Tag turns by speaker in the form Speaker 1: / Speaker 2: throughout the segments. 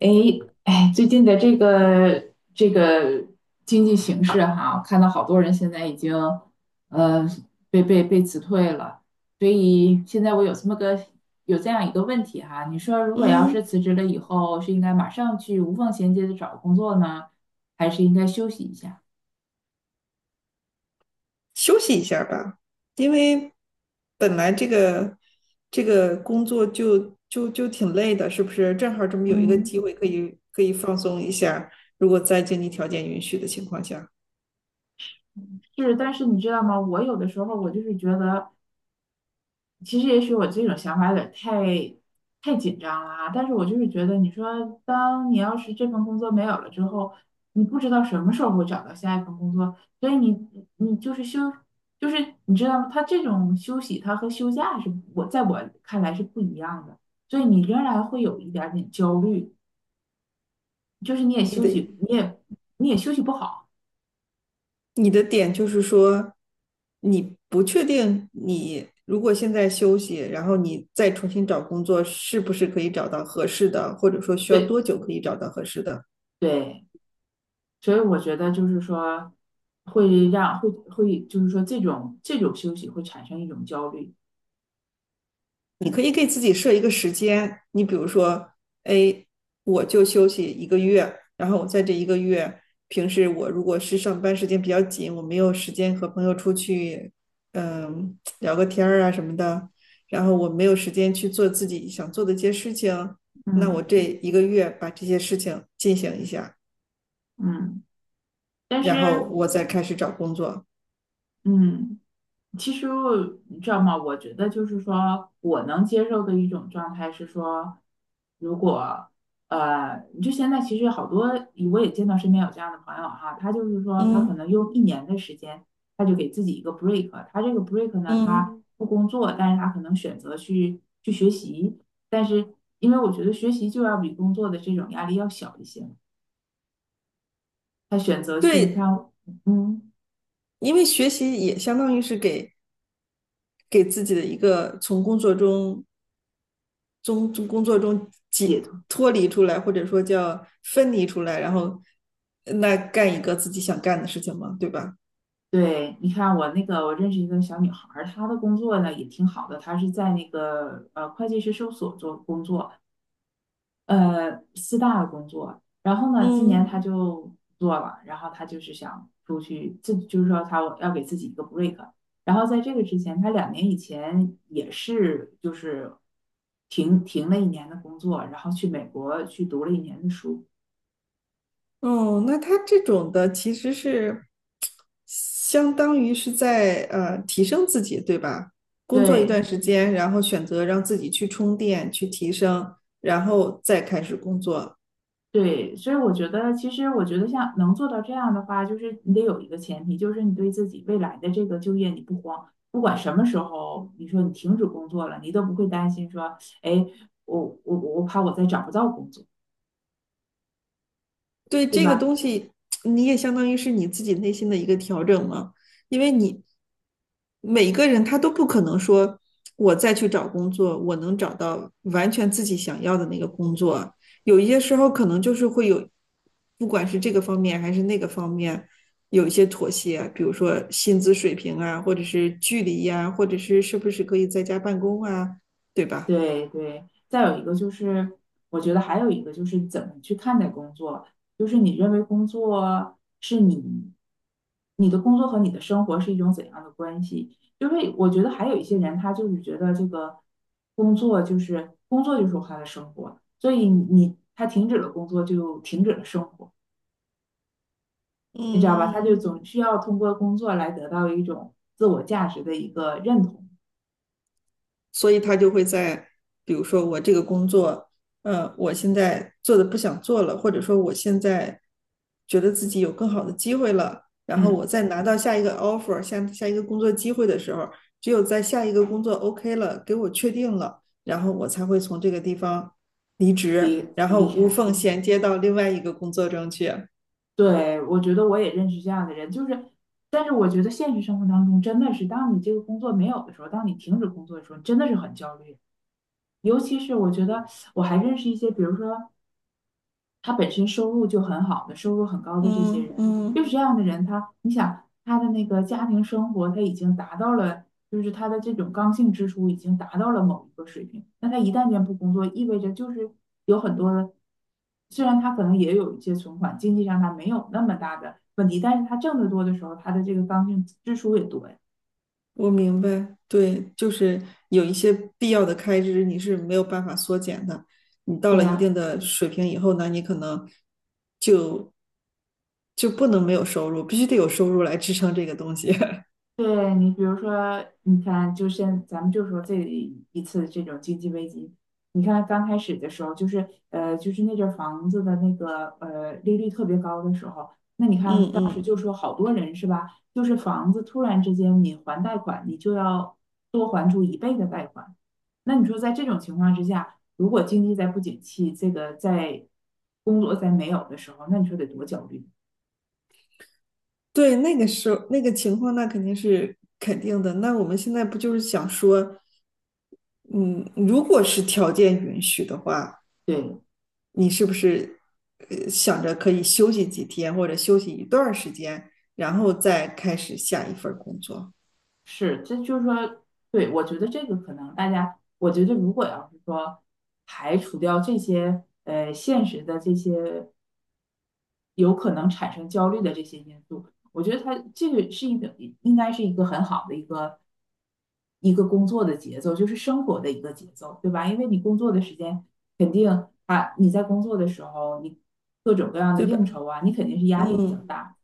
Speaker 1: 诶，哎，最近的这个经济形势哈，我看到好多人现在已经呃被辞退了，所以现在我有这样一个问题哈，你说如果要
Speaker 2: 嗯，
Speaker 1: 是辞职了以后，是应该马上去无缝衔接的找工作呢，还是应该休息一下？
Speaker 2: 休息一下吧。因为本来这个工作就挺累的，是不是？正好这么有一个机
Speaker 1: 嗯，
Speaker 2: 会可以放松一下，如果在经济条件允许的情况下。
Speaker 1: 是，但是你知道吗？我有的时候我就是觉得。其实也许我这种想法有点太紧张了啊，但是我就是觉得，你说当你要是这份工作没有了之后，你不知道什么时候会找到下一份工作，所以你你就是休，就是你知道吗？他这种休息，他和休假在我看来是不一样的，所以你仍然会有一点点焦虑，就是你也
Speaker 2: 你
Speaker 1: 休
Speaker 2: 的
Speaker 1: 息，你也休息不好，
Speaker 2: 你的点就是说，你不确定你如果现在休息，然后你再重新找工作，是不是可以找到合适的，或者说需要
Speaker 1: 对
Speaker 2: 多久可以找到合适的？
Speaker 1: 对。所以我觉得就是说，会让会会就是说这种休息会产生一种焦虑。
Speaker 2: 你可以给自己设一个时间，你比如说，哎，我就休息一个月，然后我在这一个月，平时我如果是上班时间比较紧，我没有时间和朋友出去，聊个天儿啊什么的，然后我没有时间去做自己想做的一些事情，那我
Speaker 1: 嗯
Speaker 2: 这一个月把这些事情进行一下，
Speaker 1: 嗯但是
Speaker 2: 然后我再开始找工作。
Speaker 1: 嗯。其实你知道吗？我觉得就是说我能接受的一种状态是说，如果就现在其实好多我也见到身边有这样的朋友哈，他就是说他可
Speaker 2: 嗯。
Speaker 1: 能用一年的时间，他就给自己一个 break，他这个 break 呢，他
Speaker 2: 嗯，
Speaker 1: 嗯不工作，但是他可能选择去学习，但是因为我觉得学习就要比工作的这种压力要小一些，他选择去，你看，
Speaker 2: 对，
Speaker 1: 嗯。
Speaker 2: 因为学习也相当于是给自己的一个从工作中从工作中解
Speaker 1: 解脱。
Speaker 2: 脱离出来，或者说叫分离出来，然后那干一个自己想干的事情嘛，对吧？
Speaker 1: 对，你看我认识一个小女孩儿，她的工作呢也挺好的，她是在那个会计师事务所做工作，四大的工作。然后呢，今年
Speaker 2: 嗯。
Speaker 1: 她就不做了，然后她就是想出去，这就是说她要给自己一个 break。然后在这个之前，她2年以前也是就是停了一年的工作，然后去美国去读了一年的书。
Speaker 2: 哦，那他这种的其实是相当于是在提升自己，对吧？工作一
Speaker 1: 对。
Speaker 2: 段时间，然后选择让自己去充电、去提升，然后再开始工作。
Speaker 1: 对，所以我觉得，其实我觉得像能做到这样的话，就是你得有一个前提，就是你对自己未来的这个就业你不慌，不管什么时候，你说你停止工作了，你都不会担心说，哎，我怕我再找不到工作，
Speaker 2: 对
Speaker 1: 对
Speaker 2: 这个
Speaker 1: 吧？
Speaker 2: 东西，你也相当于是你自己内心的一个调整嘛。因为你每个人他都不可能说，我再去找工作，我能找到完全自己想要的那个工作。有一些时候可能就是会有，不管是这个方面还是那个方面，有一些妥协，比如说薪资水平啊，或者是距离呀、或者是是不是可以在家办公啊，对吧？
Speaker 1: 对对，再有一个就是，我觉得还有一个就是怎么去看待工作，就是你认为工作是你，你的工作和你的生活是一种怎样的关系？就是我觉得还有一些人，他就是觉得这个工作就是工作就是他的生活，所以他停止了工作就停止了生活，你知道吧？他就
Speaker 2: 嗯。
Speaker 1: 总需要通过工作来得到一种自我价值的一个认同，
Speaker 2: 所以他就会在，比如说我这个工作，我现在做的不想做了，或者说我现在觉得自己有更好的机会了，然后
Speaker 1: 嗯，
Speaker 2: 我再拿到下一个 offer，下一个工作机会的时候，只有在下一个工作 OK 了，给我确定了，然后我才会从这个地方离职，
Speaker 1: 离
Speaker 2: 然后
Speaker 1: 离
Speaker 2: 无
Speaker 1: 开。
Speaker 2: 缝衔接到另外一个工作中去。
Speaker 1: 对，我觉得我也认识这样的人，就是，但是我觉得现实生活当中真的是，当你这个工作没有的时候，当你停止工作的时候，真的是很焦虑。尤其是我觉得我还认识一些，比如说他本身收入就很好的，收入很高的这些
Speaker 2: 嗯
Speaker 1: 人，就
Speaker 2: 嗯。
Speaker 1: 是这样的人，他的那个家庭生活，他已经达到了，就是他的这种刚性支出已经达到了某一个水平。那他一旦间不工作，意味着就是有很多的，虽然他可能也有一些存款，经济上他没有那么大的问题，但是他挣得多的时候，他的这个刚性支出也多呀。
Speaker 2: 我明白，对，就是有一些必要的开支你是没有办法缩减的。你到
Speaker 1: 对
Speaker 2: 了一
Speaker 1: 呀，
Speaker 2: 定的水平以后呢，你可能就就不能没有收入，必须得有收入来支撑这个东西。
Speaker 1: 对你，比如说，你看，咱们就说这一次这种经济危机，你看刚开始的时候，就是那阵儿房子的那个利率特别高的时候，那你看
Speaker 2: 嗯
Speaker 1: 当时
Speaker 2: 嗯，
Speaker 1: 就说好多人是吧，就是房子突然之间你还贷款，你就要多还出一倍的贷款，那你说在这种情况之下，如果经济再不景气，这个在工作再没有的时候，那你说得多焦虑？
Speaker 2: 对，那个时候那个情况，那肯定是肯定的。那我们现在不就是想说，嗯，如果是条件允许的话，
Speaker 1: 对，
Speaker 2: 你是不是想着可以休息几天或者休息一段时间，然后再开始下一份工作，
Speaker 1: 是，这就是说，对，我觉得这个可能大家，我觉得如果要是说排除掉这些现实的这些有可能产生焦虑的这些因素，我觉得它这个是一个应该是一个很好的一个工作的节奏，就是生活的一个节奏，对吧？因为你工作的时间肯定啊，你在工作的时候，你各种各样的
Speaker 2: 对吧？
Speaker 1: 应酬啊，你肯定是压力比较
Speaker 2: 嗯，
Speaker 1: 大。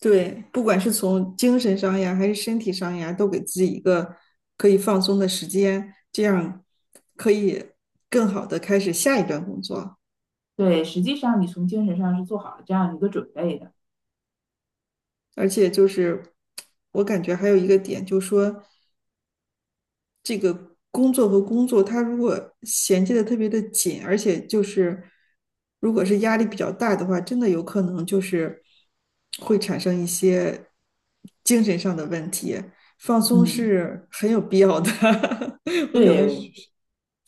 Speaker 2: 对，不管是从精神上呀，还是身体上呀，都给自己一个可以放松的时间，这样可以更好的开始下一段工作。
Speaker 1: 对，实际上你从精神上是做好了这样一个准备的。
Speaker 2: 而且就是我感觉还有一个点，就是说这个工作和工作，它如果衔接的特别的紧，而且就是如果是压力比较大的话，真的有可能就是会产生一些精神上的问题。放松
Speaker 1: 嗯，
Speaker 2: 是很有必要的。 我可能是，
Speaker 1: 对，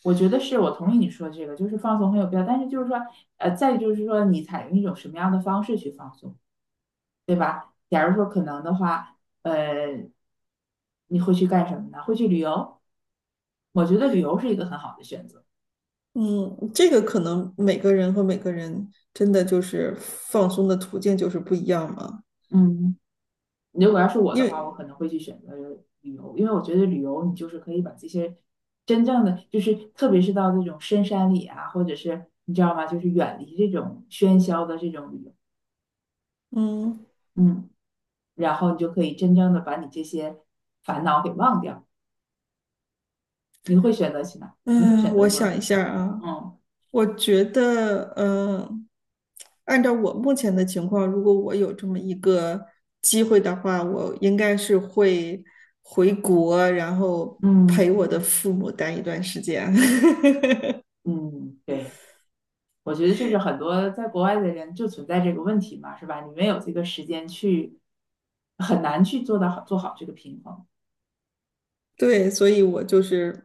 Speaker 1: 我觉得是我同意你说这个，就是放松很有必要，但是就是说，再就是说，你采用一种什么样的方式去放松？假如说可能的话，呃，你会去干什么呢？会去旅游？我觉得旅游是一个很好的选择。
Speaker 2: 嗯，这个可能每个人和每个人真的就是放松的途径就是不一样嘛。
Speaker 1: 嗯，如果要是我
Speaker 2: 因
Speaker 1: 的话，
Speaker 2: 为，
Speaker 1: 我可能会去选择旅游，因为我觉得旅游你就是可以把这些真正的，就是特别是到这种深山里啊，或者是你知道吗，就是远离这种喧嚣的这种旅游，
Speaker 2: 嗯。
Speaker 1: 嗯，然后你就可以真正的把你这些烦恼给忘掉。你会选择去哪？你会
Speaker 2: 嗯，
Speaker 1: 选择
Speaker 2: 我
Speaker 1: 做什
Speaker 2: 想一
Speaker 1: 么？
Speaker 2: 下啊。
Speaker 1: 嗯
Speaker 2: 我觉得，嗯，按照我目前的情况，如果我有这么一个机会的话，我应该是会回国，然后
Speaker 1: 嗯
Speaker 2: 陪我的父母待一段时间。
Speaker 1: 嗯，对，我觉得这是很多在国外的人就存在这个问题嘛，是吧？你没有这个时间去，很难去做好这个平衡。
Speaker 2: 对，所以我就是，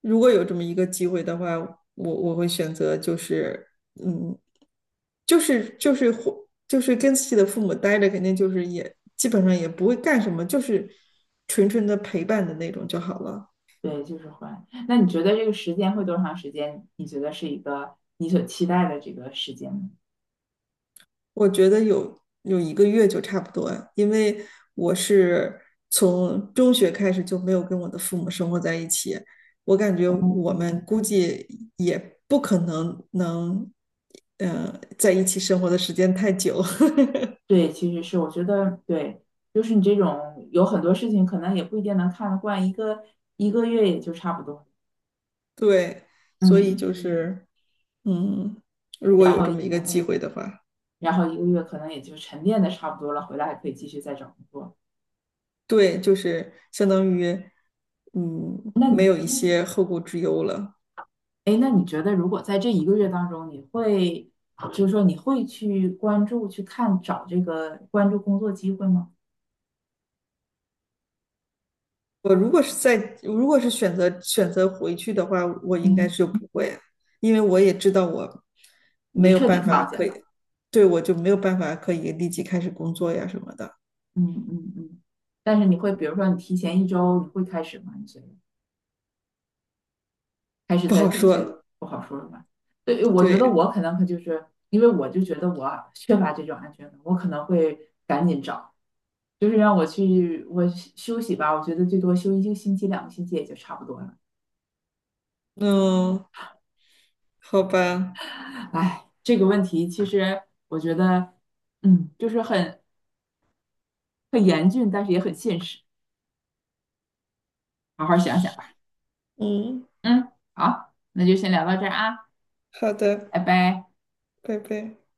Speaker 2: 如果有这么一个机会的话，我会选择就是，嗯，就是或就是跟自己的父母待着，肯定就是也基本上也不会干什么，就是纯纯的陪伴的那种就好了。
Speaker 1: 对，就是会。那你觉得这个时间会多长时间？你觉得是一个你所期待的这个时间吗？
Speaker 2: 我觉得有一个月就差不多，因为我是从中学开始就没有跟我的父母生活在一起，我感觉我们估计也不可能能，嗯，在一起生活的时间太久。
Speaker 1: 对，其实是我觉得对，就是你这种有很多事情可能也不一定能看得惯，一个月也就差不多。
Speaker 2: 对，所以
Speaker 1: 嗯，
Speaker 2: 就是，嗯，如果
Speaker 1: 然
Speaker 2: 有这
Speaker 1: 后。
Speaker 2: 么一个机会的话，
Speaker 1: 然后一个月可能也就沉淀的差不多了，回来还可以继续再找工作。
Speaker 2: 对，就是相当于，嗯，
Speaker 1: 那
Speaker 2: 没
Speaker 1: 你，
Speaker 2: 有一些后顾之忧了。
Speaker 1: 哎，那你觉得如果在这一个月当中，就是说你会去关注、去看、找这个关注工作机会吗？
Speaker 2: 我如果是在，如果是选择回去的话，我应该
Speaker 1: 嗯，
Speaker 2: 是不会，因为我也知道我
Speaker 1: 你就
Speaker 2: 没有
Speaker 1: 彻底
Speaker 2: 办法
Speaker 1: 放下
Speaker 2: 可
Speaker 1: 了。
Speaker 2: 以，对，我就没有办法可以立即开始工作呀什么的，
Speaker 1: 嗯嗯嗯。但是你会，比如说你提前一周，你会开始吗？你觉得？还是
Speaker 2: 不好说。
Speaker 1: 不好说了吧？对，我觉得
Speaker 2: 对。
Speaker 1: 我可能就是因为我就觉得我缺乏这种安全感，我可能会赶紧找，就是让我去休息吧，我觉得最多休一个星期、2个星期也就差不多了。
Speaker 2: 嗯，好吧。
Speaker 1: 哎，这个问题其实我觉得，就是很严峻，但是也很现实，好好想想吧。
Speaker 2: 嗯，
Speaker 1: 嗯，好，那就先聊到这儿啊，
Speaker 2: 好的，
Speaker 1: 拜拜。
Speaker 2: 拜拜。